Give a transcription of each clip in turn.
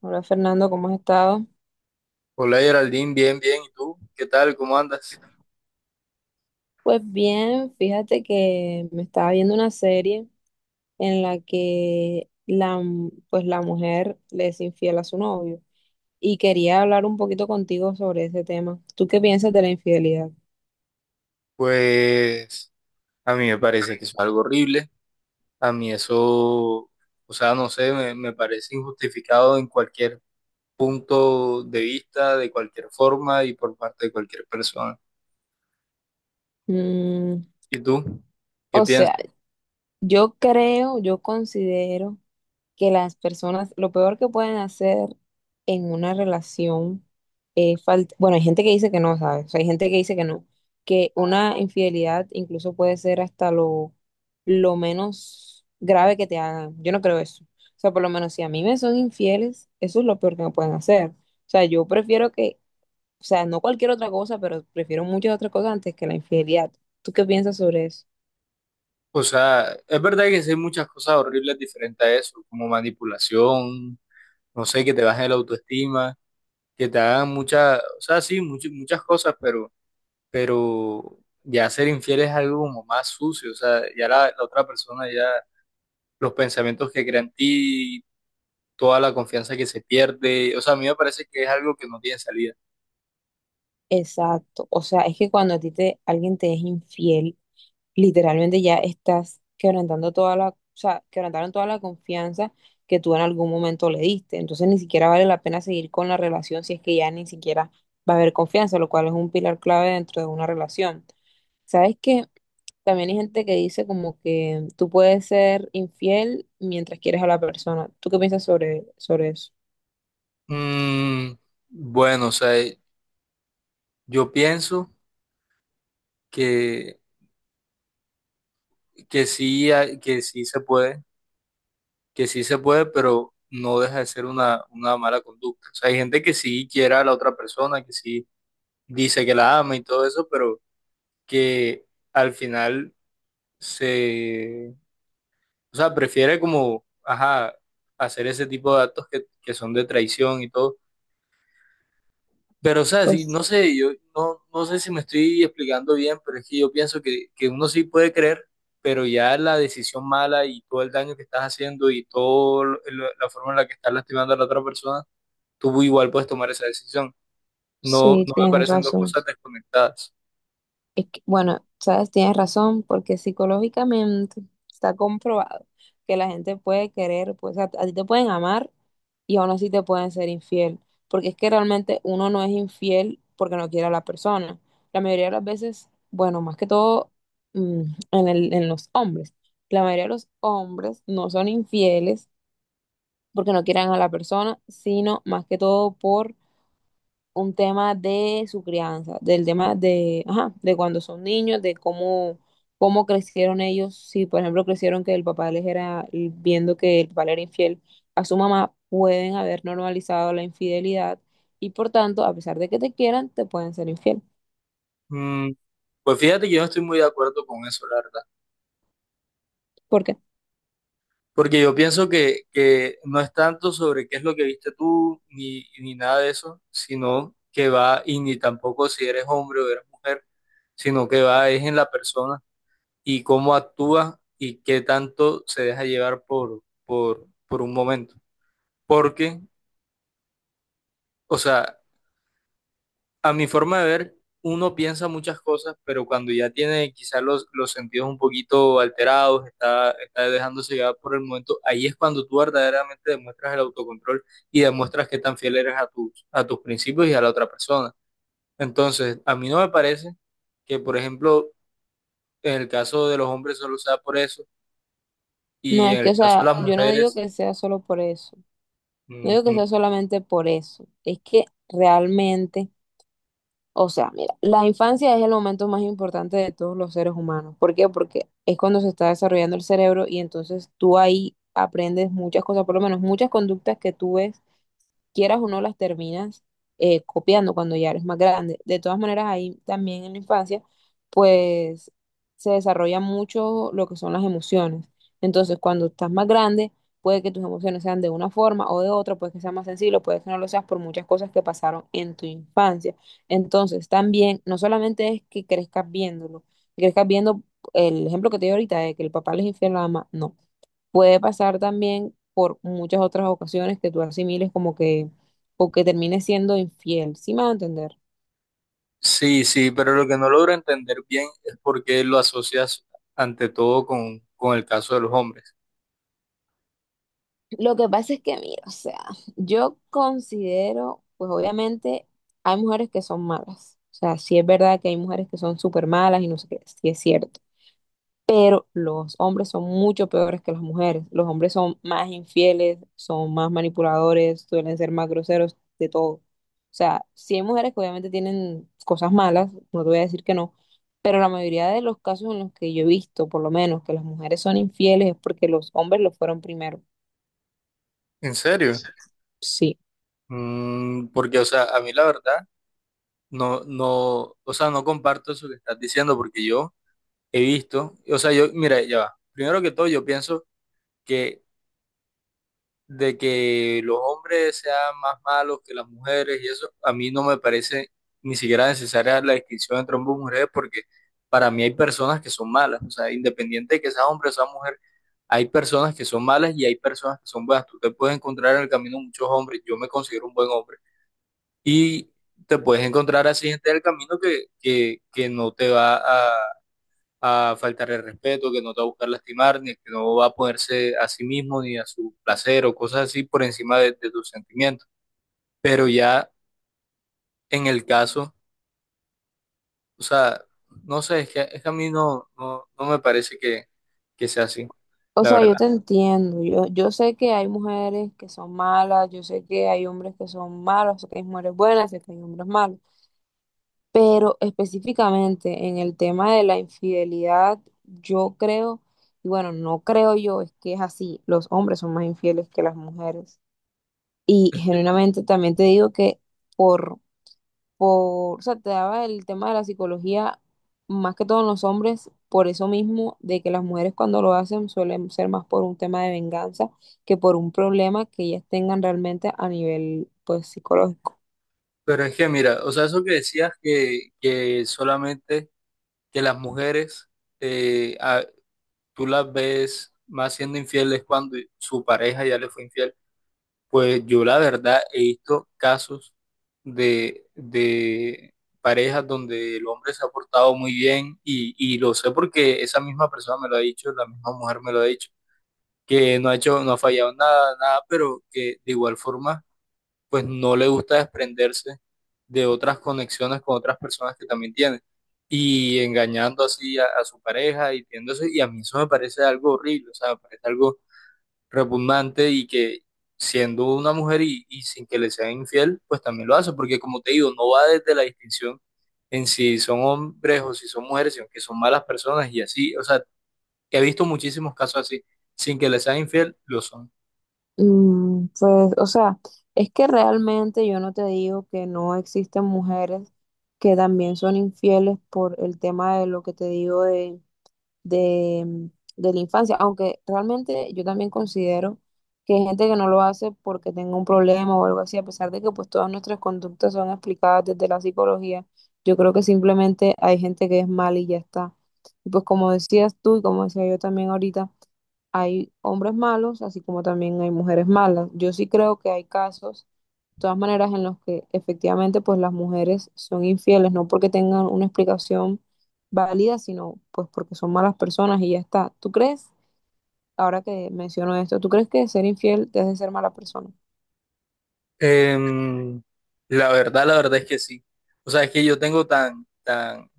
Hola, Fernando, ¿cómo has estado? Hola Geraldine, bien, bien. ¿Y tú? ¿Qué tal? ¿Cómo andas? Pues bien, fíjate que me estaba viendo una serie en la que pues la mujer le es infiel a su novio, y quería hablar un poquito contigo sobre ese tema. ¿Tú qué piensas de la infidelidad? Pues a mí me parece que eso es algo horrible. A mí eso, o sea, no sé, me parece injustificado en cualquier punto de vista, de cualquier forma y por parte de cualquier persona. Mm, ¿Y tú? ¿Qué o piensas? sea, yo creo, yo considero que las personas, lo peor que pueden hacer en una relación es falta, bueno, hay gente que dice que no, ¿sabes? O sea, hay gente que dice que no, que una infidelidad incluso puede ser hasta lo menos grave que te hagan. Yo no creo eso. O sea, por lo menos si a mí me son infieles, eso es lo peor que me pueden hacer. O sea, yo prefiero que, o sea, no cualquier otra cosa, pero prefiero muchas otras cosas antes que la infidelidad. ¿Tú qué piensas sobre eso? O sea, es verdad que sí hay muchas cosas horribles diferentes a eso, como manipulación, no sé, que te bajen la autoestima, que te hagan muchas, o sea, sí, muchas, muchas cosas, pero ya ser infiel es algo como más sucio, o sea, ya la otra persona, ya los pensamientos que crea en ti, toda la confianza que se pierde, o sea, a mí me parece que es algo que no tiene salida. Exacto. O sea, es que cuando a ti alguien te es infiel, literalmente ya estás quebrantando toda la, o sea, quebrantaron toda la confianza que tú en algún momento le diste. Entonces, ni siquiera vale la pena seguir con la relación si es que ya ni siquiera va a haber confianza, lo cual es un pilar clave dentro de una relación. ¿Sabes que también hay gente que dice como que tú puedes ser infiel mientras quieres a la persona? ¿Tú qué piensas sobre eso? Mm, bueno, o sea, yo pienso que, que sí, que sí se puede, que sí se puede, pero no deja de ser una mala conducta. O sea, hay gente que sí quiere a la otra persona, que sí dice que la ama y todo eso, pero que al final se o sea, prefiere como, ajá, hacer ese tipo de actos que son de traición y todo. Pero, o sea, sí, Pues no sé, yo no, no sé si me estoy explicando bien, pero es que yo pienso que uno sí puede creer, pero ya la decisión mala y todo el daño que estás haciendo y toda la forma en la que estás lastimando a la otra persona, tú igual puedes tomar esa decisión. No, no sí, me tienes parecen dos razón. cosas desconectadas. Es que, bueno, sabes, tienes razón, porque psicológicamente está comprobado que la gente puede querer, pues a ti te pueden amar y aún así te pueden ser infiel, porque es que realmente uno no es infiel porque no quiere a la persona. La mayoría de las veces, bueno, más que todo, mm, en los hombres, la mayoría de los hombres no son infieles porque no quieran a la persona, sino más que todo por un tema de su crianza, del tema de, ajá, de cuando son niños, de cómo crecieron ellos. Si, por ejemplo, crecieron que el papá les era, viendo que el papá le era infiel a su mamá, pueden haber normalizado la infidelidad y, por tanto, a pesar de que te quieran, te pueden ser infiel. Mm, pues fíjate que yo no estoy muy de acuerdo con eso, la verdad. Porque Porque yo pienso que no es tanto sobre qué es lo que viste tú, ni nada de eso, sino que va, y ni tampoco si eres hombre o eres mujer, sino que va es en la persona y cómo actúa y qué tanto se deja llevar por un momento. Porque, o sea, a mi forma de ver, uno piensa muchas cosas, pero cuando ya tiene quizás los sentidos un poquito alterados, está dejándose llevar por el momento, ahí es cuando tú verdaderamente demuestras el autocontrol y demuestras qué tan fiel eres a tus principios y a la otra persona. Entonces, a mí no me parece que, por ejemplo, en el caso de los hombres solo sea por eso no y es en que, el o caso de sea, las yo no digo mujeres, que sea solo por eso, no digo que ujú, sea solamente por eso, es que realmente... O sea, mira, la infancia es el momento más importante de todos los seres humanos. ¿Por qué? Porque es cuando se está desarrollando el cerebro, y entonces tú ahí aprendes muchas cosas, por lo menos muchas conductas que tú ves, quieras o no, las terminas copiando cuando ya eres más grande. De todas maneras, ahí también en la infancia, pues, se desarrolla mucho lo que son las emociones. Entonces, cuando estás más grande, puede que tus emociones sean de una forma o de otra, puede que seas más sensible, puede que no lo seas por muchas cosas que pasaron en tu infancia. Entonces, también, no solamente es que crezcas viéndolo, que crezcas viendo el ejemplo que te di ahorita de que el papá les infiel a la mamá, no. Puede pasar también por muchas otras ocasiones que tú asimiles como que, o que termines siendo infiel, ¿sí me va a entender? sí, sí, pero lo que no logro entender bien es por qué lo asocias ante todo con el caso de los hombres. Lo que pasa es que, mira, o sea, yo considero, pues obviamente hay mujeres que son malas, o sea, sí es verdad que hay mujeres que son súper malas y no sé qué, sí es cierto. Pero los hombres son mucho peores que las mujeres. Los hombres son más infieles, son más manipuladores, suelen ser más groseros, de todo. O sea, sí hay mujeres que obviamente tienen cosas malas, no te voy a decir que no, pero la mayoría de los casos en los que yo he visto, por lo menos, que las mujeres son infieles es porque los hombres lo fueron primero. ¿En serio? Sí. Mm, porque, o sea, a mí la verdad, no, no, o sea, no comparto eso que estás diciendo porque yo he visto, o sea, yo, mira, ya va. Primero que todo, yo pienso que de que los hombres sean más malos que las mujeres y eso, a mí no me parece ni siquiera necesaria la distinción entre hombres y mujeres porque para mí hay personas que son malas, o sea, independiente de que sea hombre o sea mujer, hay personas que son malas y hay personas que son buenas. Tú te puedes encontrar en el camino muchos hombres, yo me considero un buen hombre y te puedes encontrar así gente del camino que no te va a faltar el respeto, que no te va a buscar lastimar, ni que no va a ponerse a sí mismo ni a su placer o cosas así por encima de tus sentimientos. Pero ya en el caso, o sea, no sé, es que a mí no, no, no me parece que sea así, O la sea, yo verdad. te entiendo, yo sé que hay mujeres que son malas, yo sé que hay hombres que son malos, sé que hay mujeres buenas, sé que hay hombres malos. Pero específicamente en el tema de la infidelidad, yo creo, y bueno, no creo yo, es que es así, los hombres son más infieles que las mujeres. Y genuinamente también te digo que por, o sea, te daba el tema de la psicología, más que todo en los hombres, por eso mismo, de que las mujeres cuando lo hacen suelen ser más por un tema de venganza que por un problema que ellas tengan realmente a nivel, pues, psicológico. Pero es que mira, o sea, eso que decías que solamente que las mujeres... eh, a- tú las ves más siendo infieles cuando su pareja ya le fue infiel. Pues yo la verdad he visto casos de parejas donde el hombre se ha portado muy bien y lo sé porque esa misma persona me lo ha dicho, la misma mujer me lo ha dicho, que no ha hecho, no ha fallado nada, nada, pero que de igual forma pues no le gusta desprenderse de otras conexiones con otras personas que también tiene y engañando así a su pareja y tiéndose, y a mí eso me parece algo horrible, o sea, me parece algo repugnante y que siendo una mujer y sin que le sea infiel, pues también lo hace, porque como te digo, no va desde la distinción en si son hombres o si son mujeres, sino que son malas personas y así, o sea, que he visto muchísimos casos así, sin que le sea infiel, lo son. Mm, pues, o sea, es que realmente yo no te digo que no existen mujeres que también son infieles por el tema de lo que te digo de, mm, de la infancia, aunque realmente yo también considero que hay gente que no lo hace porque tenga un problema o algo así, a pesar de que, pues, todas nuestras conductas son explicadas desde la psicología, yo creo que simplemente hay gente que es mal y ya está. Y, pues, como decías tú y como decía yo también ahorita, hay hombres malos, así como también hay mujeres malas. Yo sí creo que hay casos, de todas maneras, en los que efectivamente pues las mujeres son infieles, no porque tengan una explicación válida, sino pues porque son malas personas y ya está. ¿Tú crees, ahora que menciono esto, tú crees que ser infiel te hace ser mala persona? Em, la verdad, la verdad es que sí. O sea, es que yo tengo tan, tan,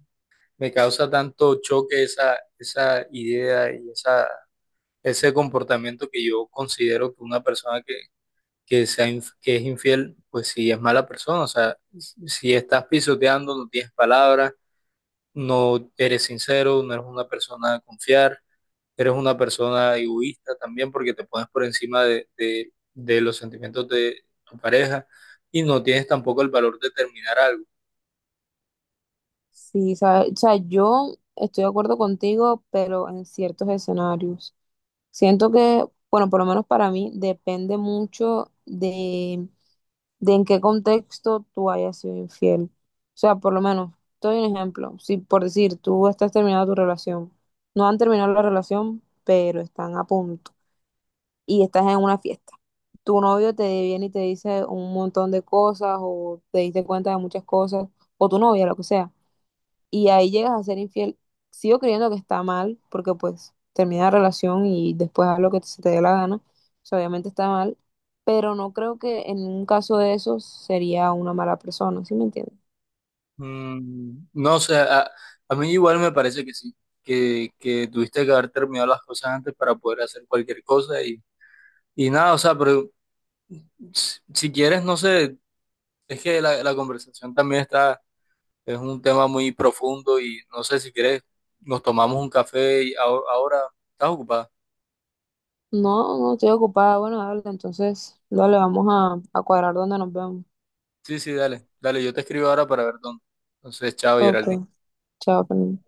me causa tanto choque esa, esa idea y esa, ese comportamiento que yo considero que una persona que sea, que es infiel, pues sí es mala persona. O sea, si estás pisoteando, no tienes palabras, no eres sincero, no eres una persona a confiar, eres una persona egoísta también porque te pones por encima de, de los sentimientos de tu pareja y no tienes tampoco el valor de terminar algo. Sí, o sea, yo estoy de acuerdo contigo, pero en ciertos escenarios. Siento que, bueno, por lo menos para mí, depende mucho de en qué contexto tú hayas sido infiel. O sea, por lo menos, te doy un ejemplo. Si por decir, tú estás terminando tu relación, no han terminado la relación, pero están a punto y estás en una fiesta. Tu novio te viene y te dice un montón de cosas o te diste cuenta de muchas cosas, o tu novia, lo que sea, y ahí llegas a ser infiel, sigo creyendo que está mal, porque pues termina la relación y después haz lo que se te dé la gana, o sea, obviamente está mal, pero no creo que en un caso de esos sería una mala persona. ¿Sí me entiendes? Mm, no sé, a mí igual me parece que sí, que tuviste que haber terminado las cosas antes para poder hacer cualquier cosa y nada, o sea, pero si, si quieres, no sé, es que la conversación también está, es un tema muy profundo y no sé si quieres, nos tomamos un café y ahora ahora estás ocupada. No, no estoy ocupada, bueno, dale, entonces, dale, vamos a cuadrar donde nos vemos. Sí, sí, dale, dale, yo te escribo ahora para ver dónde. Entonces, chao, Ok, Geraldine. chao, Fernanda.